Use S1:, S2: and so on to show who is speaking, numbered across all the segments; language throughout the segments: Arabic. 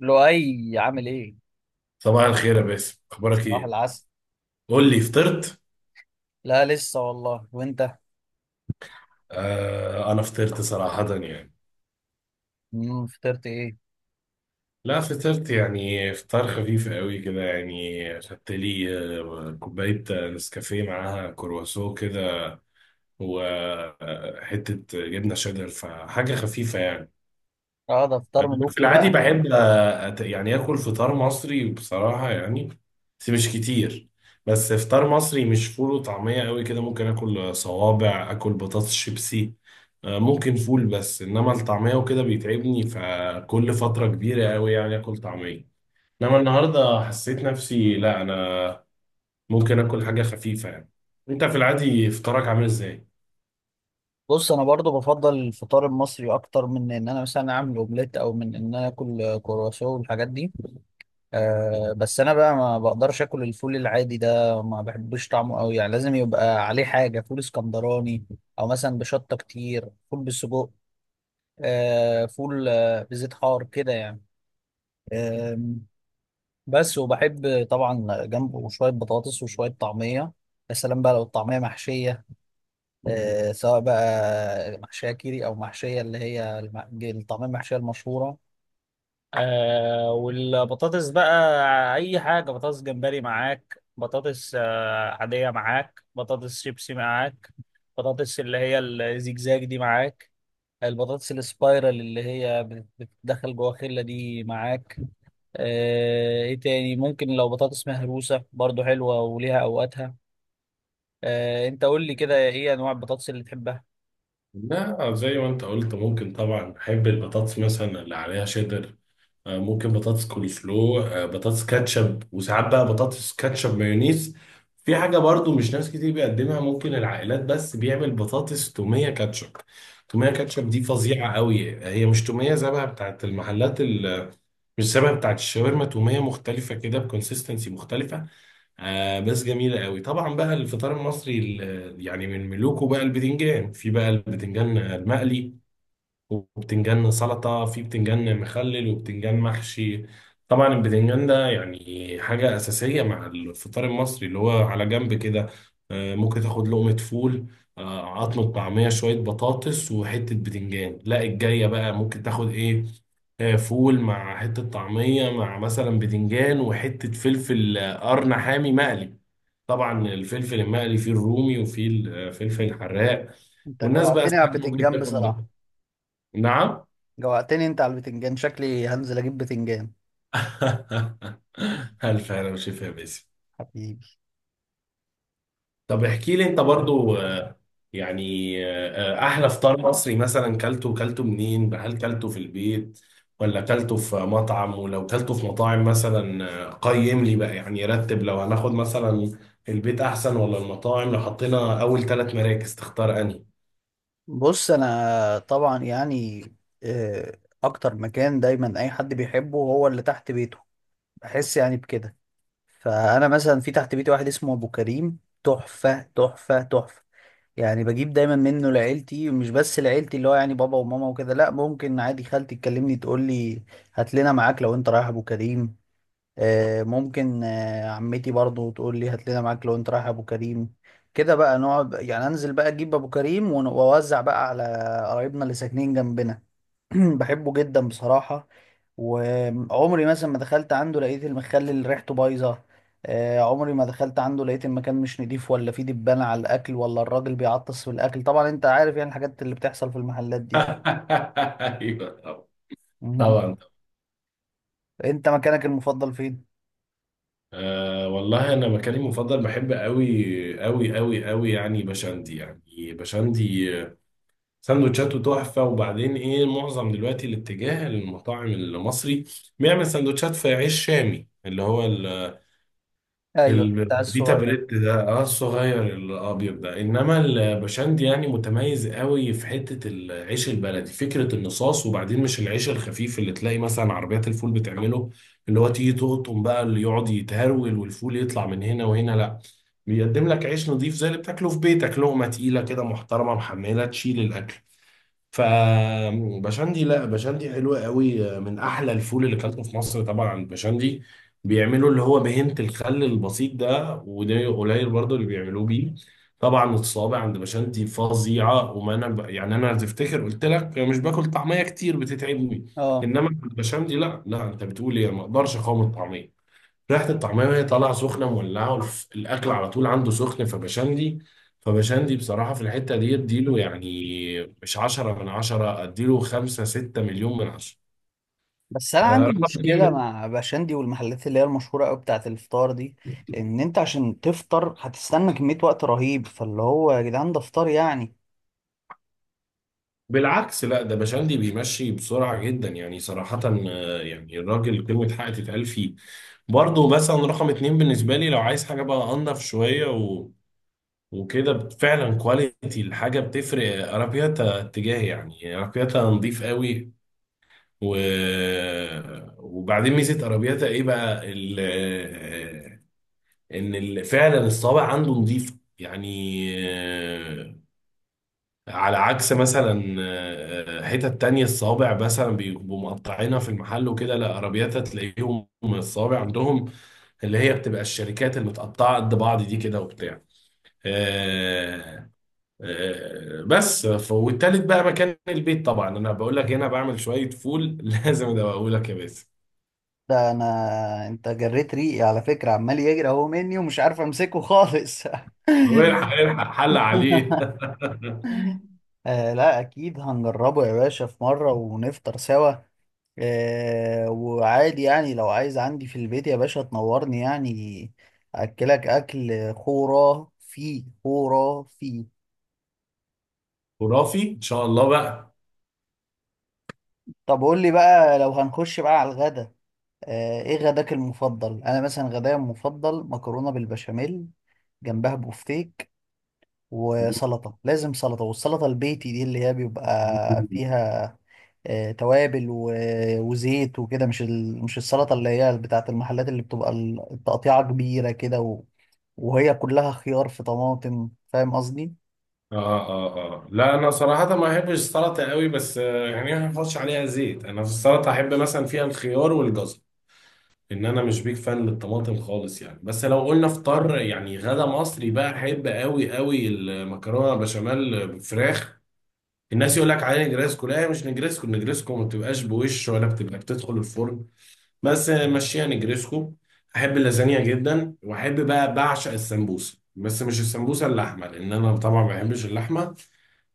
S1: لؤي عامل ايه؟
S2: صباح الخير يا باسم، اخبارك
S1: صباح
S2: ايه؟
S1: العسل.
S2: قول لي، فطرت؟
S1: لا لسه والله، وانت؟
S2: آه، انا فطرت صراحة يعني.
S1: فطرت ايه؟
S2: لا فطرت يعني فطار خفيف قوي كده يعني خدت لي كوباية نسكافيه معاها كرواسون كده، وحتة جبنة شيدر فحاجة خفيفة يعني.
S1: اه، ده فطار
S2: أنا في
S1: ملوكي
S2: العادي
S1: بقى.
S2: بحب يعني آكل فطار مصري بصراحة يعني، بس مش كتير. بس فطار مصري مش فول وطعمية قوي كده، ممكن آكل صوابع آكل بطاطس شيبسي. ممكن فول، بس إنما الطعمية وكده بيتعبني، فكل فترة كبيرة قوي يعني آكل طعمية. إنما النهاردة حسيت نفسي لا، أنا ممكن آكل حاجة خفيفة يعني. أنت في العادي فطارك عامل إزاي؟
S1: بص، انا برضو بفضل الفطار المصري اكتر من ان انا مثلا اعمل اومليت او من ان انا اكل كرواسون والحاجات دي. آه بس انا بقى ما بقدرش اكل الفول العادي ده، ما بحبش طعمه قوي يعني، لازم يبقى عليه حاجه. فول اسكندراني او مثلا بشطه، كتير فول بالسجق. آه فول، بزيت حار كده يعني. بس وبحب طبعا جنبه شوية بطاطس وشوية طعمية. يا سلام بقى لو الطعمية محشية! آه سواء بقى محشية كيري أو محشية اللي هي الطعمية المحشية المشهورة. آه والبطاطس بقى، اي حاجه، بطاطس جمبري معاك، بطاطس آه عاديه معاك، بطاطس شيبسي معاك، بطاطس اللي هي الزجزاج دي معاك، البطاطس السبايرال اللي هي بتدخل جوه خله دي معاك. ايه تاني ممكن؟ لو بطاطس مهروسة برضو حلوة وليها اوقاتها. انت قول لي كده، ايه انواع البطاطس اللي تحبها؟
S2: لا، زي ما انت قلت ممكن طبعا، بحب البطاطس مثلا اللي عليها شيدر، ممكن بطاطس كول سلو، بطاطس كاتشب، وساعات بقى بطاطس كاتشب مايونيز. في حاجة برضو مش ناس كتير بيقدمها، ممكن العائلات بس بيعمل بطاطس تومية كاتشب. تومية كاتشب دي فظيعة قوي، هي مش تومية زبها بتاعت المحلات مش شبه بتاعت الشاورما، تومية مختلفة كده بكونسيستنسي مختلفة. آه بس جميلة قوي. طبعا بقى الفطار المصري يعني من ملوكه بقى البتنجان، في بقى البتنجان المقلي، وبتنجان سلطة، في بتنجان مخلل، وبتنجان محشي. طبعا البتنجان ده يعني حاجة أساسية مع الفطار المصري اللي هو على جنب كده. ممكن تاخد لقمة فول، عظمة طعمية، شوية بطاطس، وحتة بتنجان. لا الجاية بقى ممكن تاخد إيه؟ فول مع حتة طعمية، مع مثلا بتنجان، وحتة فلفل، قرن حامي مقلي. طبعا الفلفل المقلي فيه الرومي وفيه الفلفل الحراق.
S1: انت
S2: والناس بقى
S1: جوعتني على
S2: ساعات ممكن
S1: البتنجان
S2: تاكل ده.
S1: بصراحة.
S2: نعم.
S1: جوعتني انت على البتنجان، شكلي هنزل اجيب بتنجان.
S2: ألف هلا وشفا يا باسم.
S1: حبيبي.
S2: طب احكي لي أنت برضو يعني أحلى فطار مصري مثلا كلته منين؟ هل كلته في البيت ولا كلته في مطعم؟ ولو كلته في مطاعم مثلا، قيم لي بقى، يعني رتب، لو هناخد مثلا البيت أحسن ولا المطاعم، لو حطينا أول ثلاث مراكز تختار أنهي؟
S1: بص انا طبعا يعني، آه، اكتر مكان دايما اي حد بيحبه هو اللي تحت بيته، بحس يعني بكده. فانا مثلا في تحت بيتي واحد اسمه ابو كريم، تحفة تحفة تحفة. يعني بجيب دايما منه لعيلتي، مش بس لعيلتي اللي هو يعني بابا وماما وكده، لا ممكن عادي خالتي تكلمني تقول لي هات لنا معاك لو انت رايح ابو كريم. ممكن عمتي برضو تقول لي هات لنا معاك لو انت رايح ابو كريم. كده بقى نقعد يعني، انزل بقى اجيب ابو كريم واوزع بقى على قرايبنا اللي ساكنين جنبنا. بحبه جدا بصراحة. وعمري مثلا ما دخلت عنده لقيت المخلل اللي ريحته بايظة. عمري ما دخلت عنده لقيت المكان مش نضيف، ولا فيه دبانة على الأكل، ولا الراجل بيعطس في الأكل. طبعا أنت عارف يعني الحاجات اللي بتحصل في المحلات دي.
S2: أيوه،
S1: مهم.
S2: طبعا.
S1: أنت مكانك المفضل فين؟
S2: أه والله انا مكاني المفضل بحب قوي قوي قوي قوي، يعني بشندي، يعني بشندي. سندوتشاته تحفه. وبعدين ايه، معظم دلوقتي الاتجاه للمطاعم المصري بيعمل سندوتشات في عيش شامي اللي هو
S1: أيوه بتاع
S2: البيتا
S1: الصغير.
S2: بريد ده، الصغير الابيض ده. انما البشندي يعني متميز قوي في حته العيش البلدي، فكره النصاص، وبعدين مش العيش الخفيف اللي تلاقي مثلا عربيات الفول بتعمله، اللي هو تيجي تقطم بقى اللي يقعد يتهرول، والفول يطلع من هنا وهنا. لا، بيقدم لك عيش نظيف زي اللي بتاكله في بيتك، لقمه تقيله كده محترمه، محمله، تشيل الاكل. فبشندي، لا بشندي حلوة قوي، من احلى الفول اللي اكلته في مصر طبعا بشندي. بيعملوا اللي هو بهنة الخل البسيط ده، وده قليل برضه اللي بيعملوه بيه. طبعا الصوابع عند بشندي فظيعة. يعني انا تفتكر قلت لك مش باكل طعمية كتير بتتعبني،
S1: أه،
S2: انما عند بشندي لا لا، انت بتقول ايه، أنا ما اقدرش اقاوم الطعمية. ريحة الطعمية وهي طالعة سخنة مولعة، الأكل على طول عنده سخن. فبشندي، فبشندي بصراحة في الحتة دي اديله يعني مش عشرة من عشرة، اديله خمسة ستة مليون من عشرة.
S1: بس أنا عندي
S2: رقم
S1: مشكلة
S2: اتنين،
S1: مع باشندي والمحلات اللي هي المشهورة أوي بتاعة الفطار دي، إن أنت عشان تفطر هتستنى كمية وقت رهيب، فاللي هو يا جدعان ده فطار يعني.
S2: بالعكس لا ده بشندي بيمشي بسرعة جدا يعني صراحة، يعني الراجل كلمة حق تتقال فيه. برضه مثلا رقم اتنين بالنسبة لي، لو عايز حاجة بقى أنضف شوية وكده، فعلا كواليتي الحاجة بتفرق. أرابياتا اتجاهي، يعني أرابياتا نظيف قوي. و... وبعدين ميزه ارابياتا ايه بقى، ان فعلا الصابع عنده نظيف يعني. آه، على عكس مثلا، حتت تانية الصابع مثلا بيبقوا مقطعينها في المحل وكده. لا ارابياتا تلاقيهم الصابع عندهم اللي هي بتبقى الشركات المتقطعه قد بعض دي كده وبتاع. آه، والتالت بقى مكان البيت، طبعا انا بقول لك هنا بعمل شويه فول لازم ابقى اقول لك يا باسم.
S1: ده انا انت جريت ريقي على فكرة، عمال يجري اهو مني ومش عارف امسكه خالص.
S2: هو يلحق حل عليه.
S1: آه لا، اكيد هنجربه يا باشا في مرة ونفطر سوا. وعادي يعني لو عايز عندي في البيت يا باشا تنورني يعني، اكلك اكل خرافي خرافي.
S2: خرافي ان شاء الله بقى.
S1: طب قول لي بقى لو هنخش بقى على الغدا، ايه غداك المفضل؟ انا مثلا غدايا المفضل مكرونة بالبشاميل جنبها بوفتيك وسلطة، لازم سلطة، والسلطة البيتي دي اللي هي بيبقى فيها توابل وزيت وكده، مش مش السلطة اللي هي بتاعة المحلات اللي بتبقى التقطيعة كبيرة كده وهي كلها خيار في طماطم، فاهم قصدي؟
S2: اه اه اه، لا انا صراحة ما احبش السلطة قوي بس، يعني ما احفظش عليها زيت، انا في السلطة احب مثلا فيها الخيار والجزر، ان انا مش بيك فان للطماطم خالص يعني. بس لو قلنا فطار يعني غدا مصري بقى، احب قوي قوي المكرونة بشاميل بفراخ. الناس يقول لك عليه نجريسكو، لا هي مش نجريسكو. نجريسكو ما بتبقاش بوش ولا بتبقى بتدخل الفرن، بس مشيها نجريسكو. احب اللازانيا جدا، واحب بقى بعشق السمبوسه، بس مش السمبوسه اللحمه لان انا طبعا ما بحبش اللحمه.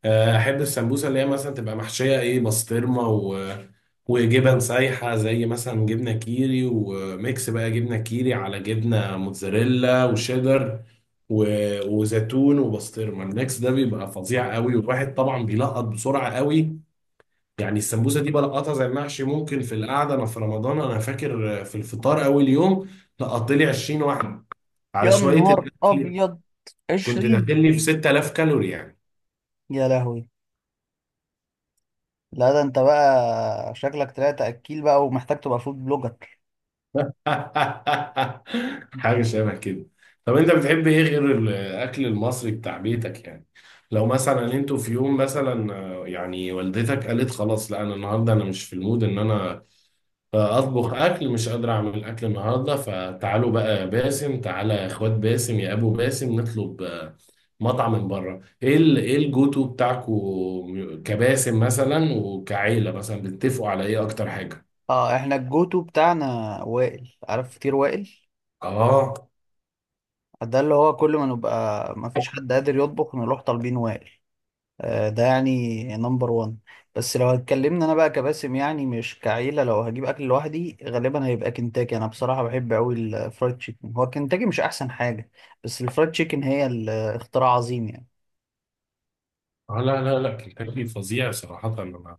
S2: احب السمبوسه اللي هي مثلا تبقى محشيه ايه، بسطرمه وجبن سايحه، زي مثلا جبنه كيري، وميكس بقى جبنه كيري على جبنه موتزاريلا وشيدر، و... وزيتون وبسطرمه. الميكس ده بيبقى فظيع قوي، والواحد طبعا بيلقط بسرعه قوي يعني. السمبوسه دي بلقطها زي المحشي ممكن في القعده. انا في رمضان، انا فاكر في الفطار اول يوم لقطت لي 20 واحده، على
S1: يا
S2: شويه
S1: نهار
S2: الاكل
S1: أبيض!
S2: كنت
S1: 20!
S2: داخل لي في 6,000 كالوري يعني.
S1: يا لهوي. لا ده انت بقى شكلك طلعت أكيل بقى ومحتاج تبقى فود بلوجر.
S2: حاجه شبه كده. طب انت بتحب ايه غير الاكل المصري بتاع بيتك يعني؟ لو مثلا انتوا في يوم مثلا، يعني والدتك قالت خلاص، لا انا النهارده انا مش في المود ان انا فاطبخ اكل، مش قادر اعمل اكل النهارده، فتعالوا بقى يا باسم، تعالى يا اخوات باسم، يا ابو باسم نطلب، مطعم من بره. ايه ايه الجوتو بتاعكو كباسم مثلا وكعيله، مثلا بتتفقوا على ايه اكتر حاجه؟
S1: اه احنا الجوتو بتاعنا وائل، عارف فطير وائل؟
S2: اه.
S1: ده اللي هو كل ما نبقى ما فيش حد قادر يطبخ نروح طالبين وائل. ده يعني نمبر وان. بس لو اتكلمنا انا بقى كباسم يعني مش كعيلة، لو هجيب اكل لوحدي غالبا هيبقى كنتاكي. انا بصراحة بحب قوي الفرايد تشيكن، هو كنتاكي مش احسن حاجة؟ بس الفرايد تشيكن هي الاختراع عظيم يعني.
S2: لا لا لا، كنتاكي فظيع صراحه. انا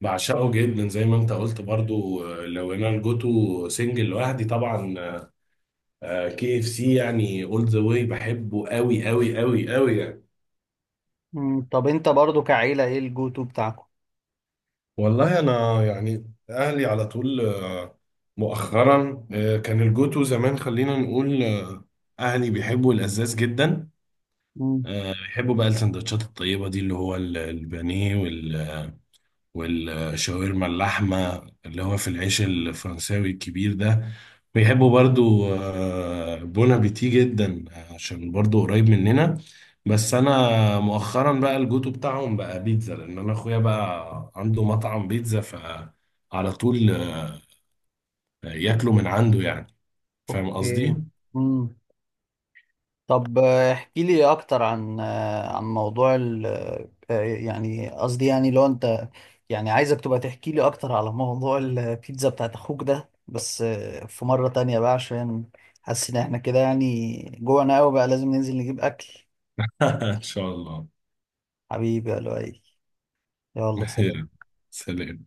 S2: بعشقه جدا زي ما انت قلت برضو. لو انا الجوتو سنجل لوحدي طبعا كي اف سي، يعني اول ذا واي، بحبه قوي قوي قوي قوي يعني.
S1: طب انت برضو كعيلة ايه الجو تو بتاعكم؟
S2: والله انا يعني اهلي على طول، مؤخرا، كان الجوتو زمان خلينا نقول، اهلي بيحبوا الازاز جدا.
S1: مم،
S2: بيحبوا بقى السندوتشات الطيبه دي اللي هو البانيه والشاورما اللحمة، اللي هو في العيش الفرنساوي الكبير ده. بيحبوا برضو بون ابيتي جدا عشان برضو قريب مننا. بس انا مؤخرا بقى الجوتو بتاعهم بقى بيتزا، لان انا اخويا بقى عنده مطعم بيتزا، فعلى طول ياكلوا من عنده يعني. فاهم
S1: اوكي.
S2: قصدي؟
S1: مم. طب احكي لي اكتر عن عن موضوع ال آه، يعني قصدي يعني لو انت، يعني عايزك تبقى تحكي لي اكتر على موضوع البيتزا بتاعت اخوك ده. بس في مرة تانية بقى، عشان حاسس ان احنا كده يعني جوعنا قوي بقى، لازم ننزل نجيب اكل.
S2: ان شاء الله.
S1: حبيبي يا لؤي، يلا سلام.
S2: سلام.